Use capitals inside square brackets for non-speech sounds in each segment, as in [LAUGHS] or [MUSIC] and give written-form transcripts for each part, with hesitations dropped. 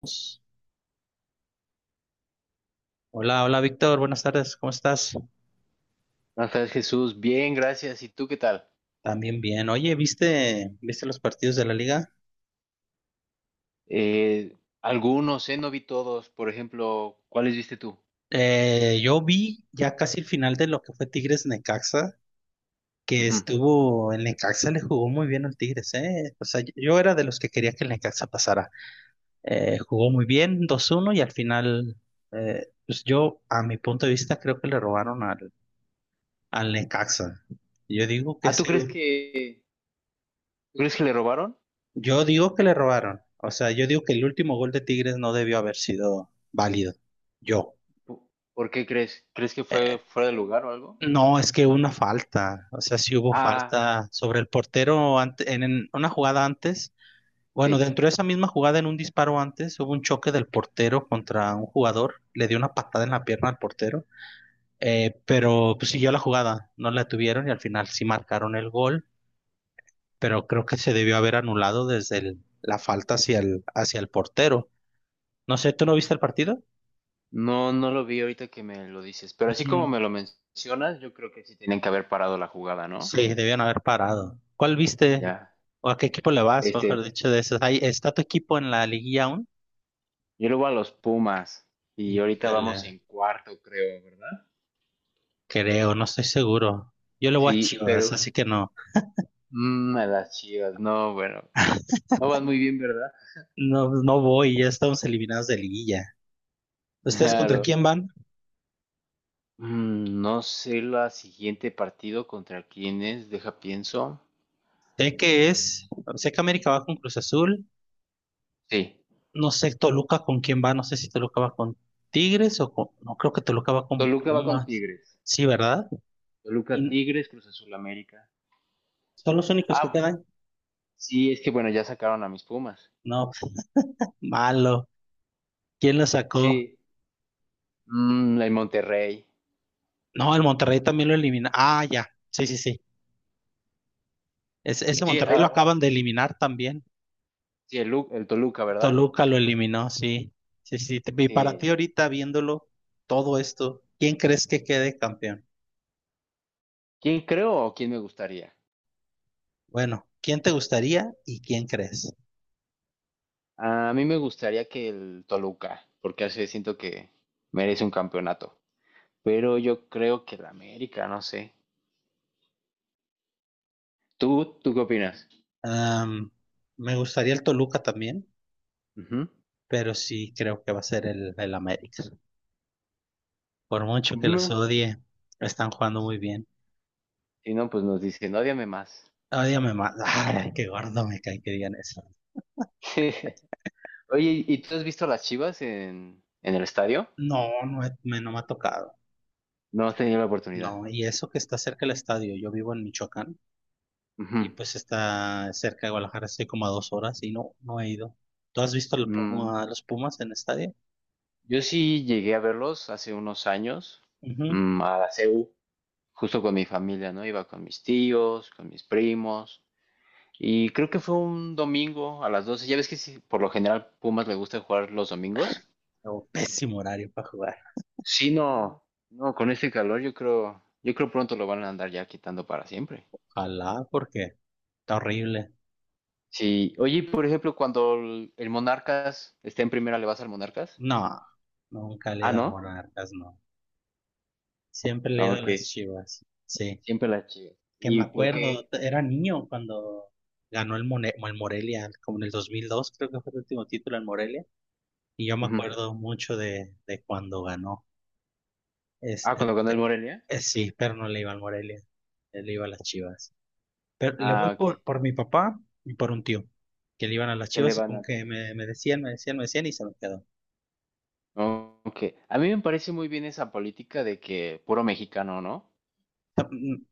Pues, Hola Víctor, buenas tardes, ¿cómo estás? Buenas tardes, Jesús. Bien, gracias. ¿Y tú qué tal? También bien. Oye, ¿viste los partidos de la liga? Eh, Algunos, no vi todos. Por ejemplo, ¿cuáles viste tú? Yo vi ya casi el final de lo que fue Tigres Necaxa, que Ujú. estuvo, el Necaxa le jugó muy bien al Tigres, ¿eh? O sea, yo era de los que quería que el Necaxa pasara. Jugó muy bien, 2-1 y al final, pues yo, a mi punto de vista, creo que le robaron al, al Necaxa. Yo digo que Ah, ese, tú crees que le robaron? Yo digo que le robaron. O sea, yo digo que el último gol de Tigres no debió haber sido válido. Yo. ¿Po- ¿Por qué crees? ¿Crees que fue Eh, fuera de lugar o algo? no, es que hubo una falta. O sea, sí hubo Ah, falta sobre el portero en una jugada antes. Bueno, sí. dentro de esa misma jugada, en un disparo antes, hubo un choque del portero contra un jugador. Le dio una patada en la pierna al portero. Pero pues, siguió la jugada. No la tuvieron y al final sí marcaron el gol. Pero creo que se debió haber anulado desde la falta hacia el portero. No sé, ¿tú no viste el partido? No, no lo vi ahorita que me lo dices. Pero así como Ujú. me lo mencionas, yo creo que sí tienen que haber parado la jugada, ¿no? Sí, debían haber parado. ¿Cuál viste? Ya. ¿O a qué equipo le vas? Mejor Este, dicho, de esos. Ahí, ¿está tu equipo en la liguilla aún? yo le voy a los Pumas y ahorita vamos Híjole, en cuarto, creo, ¿verdad? creo, no estoy seguro. Yo le voy a Sí, Chivas, pero... así que no. A las Chivas, no, bueno. No van muy bien, ¿verdad? No, no voy, ya estamos eliminados de liguilla. ¿Ustedes contra Claro. quién van? No sé la siguiente partido contra quién es, deja pienso. Sé que es, sé que América va con Cruz Azul. Sí, No sé Toluca con quién va, no sé si Toluca va con Tigres o con, no creo que Toluca va con Toluca va con Pumas. Tigres. Sí, ¿verdad? Toluca Y Tigres, Cruz Azul América. son los únicos que Ah, quedan. sí, es que bueno, ya sacaron a mis Pumas. No, malo. ¿Quién lo sacó? Sí, el Monterrey. No, el Monterrey también lo elimina. Ah, ya. Sí, sí, sí. Ese Sí, Monterrey lo ah, acaban de eliminar también. sí, el Toluca, ¿verdad? Toluca lo eliminó, sí. Sí, sí. Y para ti Sí. ahorita viéndolo todo esto, ¿quién crees que quede campeón? ¿Quién creo o quién me gustaría? Bueno, ¿quién te gustaría y quién crees? A mí me gustaría que el Toluca, porque así siento que merece un campeonato. Pero yo creo que el América, no sé. ¿Tú qué opinas? Am, Me gustaría el Toluca también, Ujú. pero sí creo que va a ser el América. Por mucho que los No. odie, están jugando muy bien. Si no, pues nos dicen, ódiame más. Ódiame más. Ay, qué gordo me cae que digan eso. [LAUGHS] Oye, ¿y tú has visto a las Chivas en el estadio? No, no, no me ha tocado. No has tenido la oportunidad. No, y eso que está cerca del estadio. Yo vivo en Michoacán y Ujú. pues está cerca de Guadalajara, estoy como a 2 horas y no, no he ido. ¿Tú has visto Mm, los Pumas en el estadio? yo sí llegué a verlos hace unos años, Ujú. A la CU, justo con mi familia, ¿no? Iba con mis tíos, con mis primos, y creo que fue un domingo a las 12. Ya ves que sí, por lo general Pumas le gusta jugar los domingos. Oh, pésimo horario para jugar. Sí, no, no, con este calor yo creo pronto lo van a andar ya quitando para siempre. Ojalá, porque está horrible. Sí, oye, por ejemplo, cuando el Monarcas esté en primera, ¿le vas al Monarcas? No, nunca le he Ah, ido al ¿no? Monarcas, no. Siempre le he Ah, ido a ok, las Chivas. Sí, siempre las Chivas. que me ¿Y por acuerdo, qué? Era niño cuando ganó el Morelia, como en el 2002, creo que fue el último título en Morelia. Y yo me Ujú. acuerdo mucho de cuando ganó. Ah, Este, cuando ganó el pe- Morelia. Sí, pero no le iba al Morelia, le iba a las Chivas. Pero le voy Ah, ok, por mi papá y por un tío, que le iban a las ¿qué le Chivas y van como a que me, Chivas? me decían y se me quedó. O Oh, ok, a mí me parece muy bien esa política de que puro mexicano, ¿no? sea,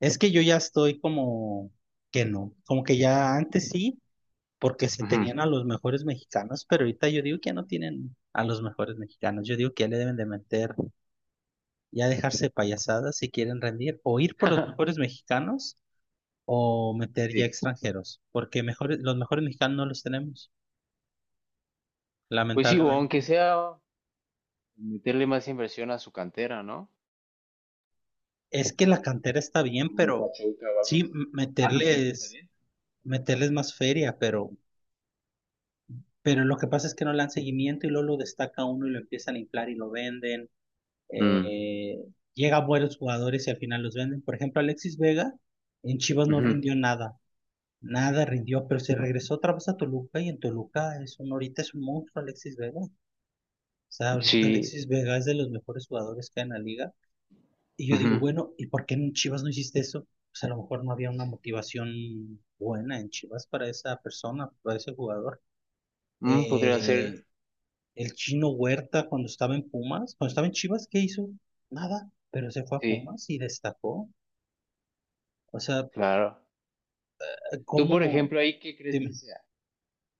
es que yo ya estoy como que no, como que ya antes sí, porque se Ujú. tenían a los mejores mexicanos, pero ahorita yo digo que ya no tienen a los mejores mexicanos. Yo digo que ya le deben de meter, ya dejarse payasadas si quieren rendir, o ir por los mejores [LAUGHS] mexicanos o meter ya Sí, extranjeros, porque mejores, los mejores mexicanos no los tenemos, pues sí, o aunque lamentablemente. sea meterle más inversión a su cantera, ¿no? Es que la cantera está bien, Como el pero Pachuca o algo sí, así. Ah, ¿tú crees que está bien? meterles más feria, pero lo que pasa es que no le dan seguimiento y luego lo destaca uno y lo empiezan a inflar y lo venden. Mm, Eh, Llegan buenos jugadores y al final los venden. Por ejemplo, Alexis Vega en Chivas no ujú, rindió nada. Nada rindió, pero se regresó otra vez a Toluca y en Toluca es un, ahorita es un monstruo Alexis Vega. O sea, ahorita sí, Alexis Vega es de los mejores jugadores que hay en la liga. Y yo digo, ujú, bueno, ¿y por qué en Chivas no hiciste eso? Pues a lo mejor no había una sí. motivación buena en Chivas para esa persona, para ese jugador. Mm, podría Eh, ser, el Chino Huerta cuando estaba en Pumas, cuando estaba en Chivas, ¿qué hizo? Nada, pero se fue a sí, Pumas y destacó. O sea, claro. Tú, por ¿cómo? ejemplo, ahí, ¿qué crees que Dime, sea?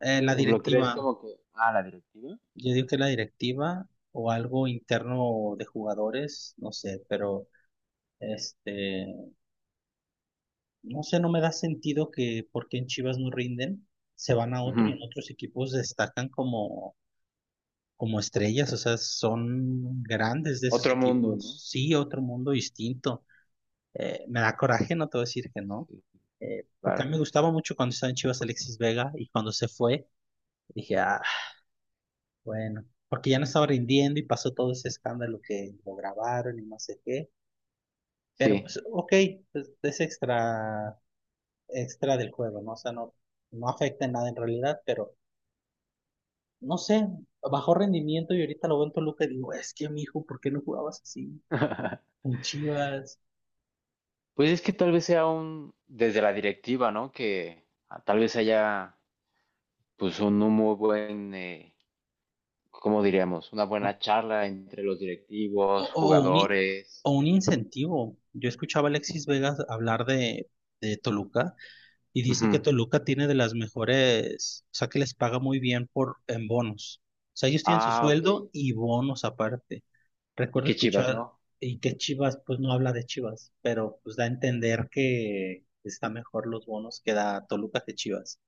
la Por ejemplo, ¿crees directiva, como que, ah, la directiva? yo digo que la directiva o algo interno de jugadores, no sé, pero... Este, No sé, no me da sentido que porque en Chivas no rinden, se van a otro y Ujú, en otros equipos destacan como, como estrellas, o sea, son grandes de esos otro mundo, equipos. ¿no? Sí, otro mundo distinto. Me da coraje, no te voy a decir que no. Sí, Porque a claro, mí me gustaba mucho cuando estaba en Chivas Alexis Vega y cuando se fue, dije, ah, bueno, porque ya no estaba rindiendo y pasó todo ese escándalo que lo grabaron y no sé qué. Pero sí. pues, ok, pues, es extra del juego, ¿no? O sea, no, no afecta en nada en realidad, pero no sé, bajó rendimiento y ahorita lo veo en Toluca y digo, es que mi hijo, ¿por qué no jugabas así? [LAUGHS] Con Chivas. Pues es que tal vez sea un, desde la directiva, ¿no? Que ah, tal vez haya, pues, un muy buen, ¿cómo diríamos? Una buena charla entre los O, directivos, o un, i- jugadores. o un incentivo. Yo escuchaba a Alexis Vegas hablar de Toluca y dice que Toluca tiene de las mejores, o sea, que les paga muy bien por, en bonos. O sea, ellos tienen su Ah, ok. sueldo y bonos aparte. ¿Y Recuerdo qué Chivas, escuchar no? y que Chivas, pues no habla de Chivas, pero pues da a entender que está mejor los bonos que da Toluca que Chivas.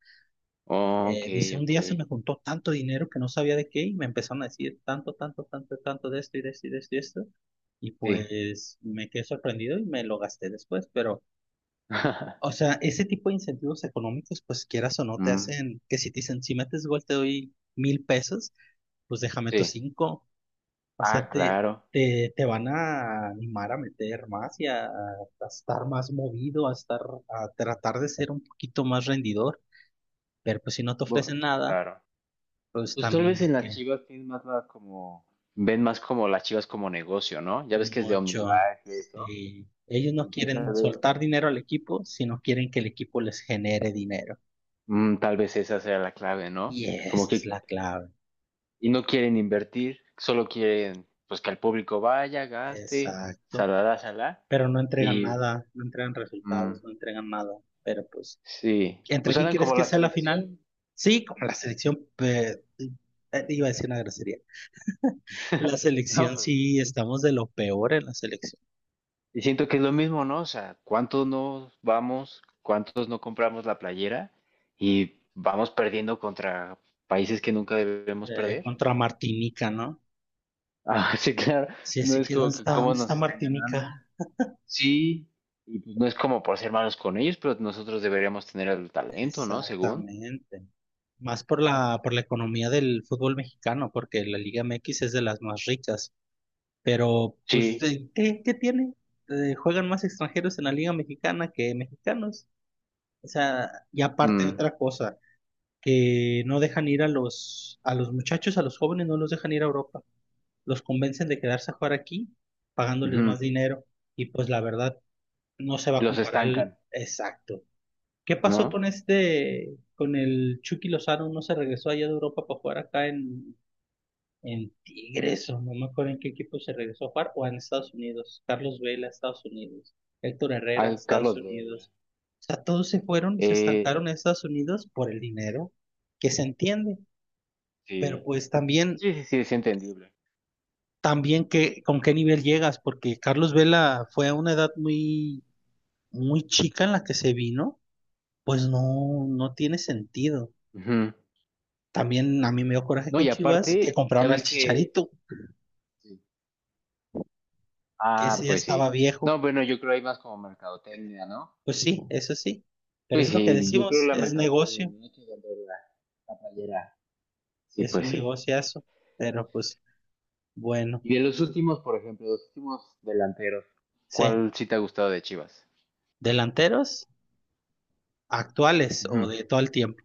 Ok, Dice, un ok. día se me juntó tanto dinero que no sabía de qué y me empezaron a decir tanto, tanto, tanto, tanto de esto y de esto y de esto y de esto. Y Sí. pues me quedé sorprendido y me lo gasté después, pero, o [LAUGHS] sea, ese tipo de incentivos económicos, pues quieras o no, te Mm, hacen que si te dicen, si metes gol te doy 1,000 pesos, pues déjame tus sí. cinco. O Ah, sea, te, claro. te, te van a animar a meter más y a estar más movido, a estar, a tratar de ser un poquito más rendidor, pero pues si no te Bu- ofrecen nada, claro. pues Pues tal vez también en las que Chivas tienen más la como, ven más como las Chivas como negocio, ¿no? Ya ves que es de mucho. OmniLife y eso. Sí. Ellos no Entonces tal quieren vez, soltar dinero al equipo, sino quieren que el equipo les genere dinero. mm, tal vez esa sea la clave, ¿no? Y esa Como es que, la clave. y no quieren invertir, solo quieren, pues que el público vaya, gaste, Exacto. salará, salá. Pero no entregan Y, nada, no entregan mm, resultados, no entregan nada. Pero pues, sí. ¿entre Pues quién andan crees como que la sea la final? selección. Sí, como la ¿No? selección, iba a decir una grosería. La [LAUGHS] No, selección pero sí. sí, estamos de lo peor en la selección. Y siento que es lo mismo, ¿no? O sea, ¿cuántos no vamos, cuántos no compramos la playera y vamos perdiendo contra países que nunca debemos perder? Contra Martinica, ¿no? Ah, [LAUGHS] sí, claro. Sí, No así es que, como ¿dónde que está? cómo ¿Dónde está nos están Martinica? ganando. Sí, y pues no es como por ser malos con ellos, pero nosotros deberíamos tener el talento, ¿no? Según. Exactamente. Más por la economía del fútbol mexicano, porque la Liga MX es de las más ricas. Pero, pues, Sí. ¿Qué tiene? Juegan más extranjeros en la Liga Mexicana que mexicanos. O sea, y aparte Mm, otra cosa, que no dejan ir a los muchachos, a los jóvenes, no los dejan ir a Europa. Los convencen de quedarse a jugar aquí, pagándoles ujú. más dinero, y pues la verdad no se va a Los comparar el estancan, exacto. ¿Qué pasó ¿no? con este, con el Chucky Lozano? ¿No se regresó allá de Europa para jugar acá en Tigres o no me acuerdo en qué equipo se regresó a jugar? O en Estados Unidos. Carlos Vela, Estados Unidos. Héctor Herrera, Ah, Estados Carlos Vela. Unidos. O sea, todos se fueron y se Eh, estancaron en Estados Unidos por el dinero, que se entiende, pero sí. pues también, Sí, sí, sí, es entendible. también que, con qué nivel llegas, porque Carlos Vela fue a una edad muy, muy chica en la que se vino, pues no, no tiene sentido. Ujú. También a mí me dio coraje No, con y Chivas que aparte, ya compraron al ves que... Chicharito, Sí. que Ah, ese ya pues estaba sí. viejo. No, bueno, yo creo hay más como mercadotecnia, ¿no? Pues sí, eso sí. Pero Pues es lo que sí, yo creo decimos, la es mercadotecnia, negocio, no hay que vender la, la playera. Sí, es pues un sí. negociazo. Pero pues bueno, Y de los últimos, por ejemplo, los últimos delanteros, sí. ¿cuál sí te ha gustado de Chivas? Delanteros actuales o Ujú. de todo el tiempo.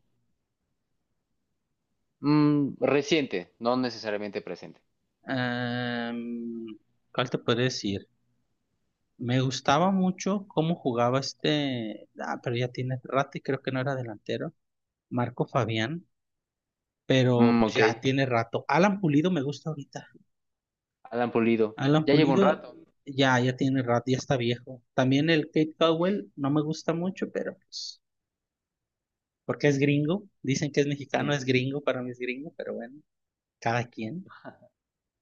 Mm, reciente, no necesariamente presente. Em, ¿Cuál te puedo decir? Me gustaba mucho cómo jugaba este, ah, pero ya tiene rato y creo que no era delantero, Marco Fabián, pero Mm, pues ok, ya tiene rato. Alan Pulido me gusta ahorita. Alan Pulido. Alan Ya lleva un Pulido rato. ya, ya tiene rato, ya está viejo. También el Kate Cowell no me gusta mucho, pero pues, porque es gringo. Dicen que es mexicano, Sí. es gringo, para mí es gringo, pero bueno, cada quien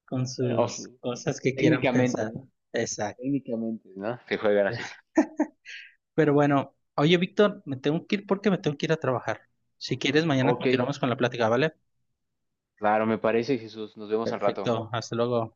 con Bueno, sus cosas que quieran técnicamente, pensar. ¿no? Exacto. Técnicamente, ¿no? Que juegan así. Pero bueno, oye, Víctor, me tengo que ir porque me tengo que ir a trabajar. Si quieres, mañana Ok, continuamos con la plática, ¿vale? claro, me parece, Jesús. Nos vemos al Perfecto. rato. Perfecto, hasta luego.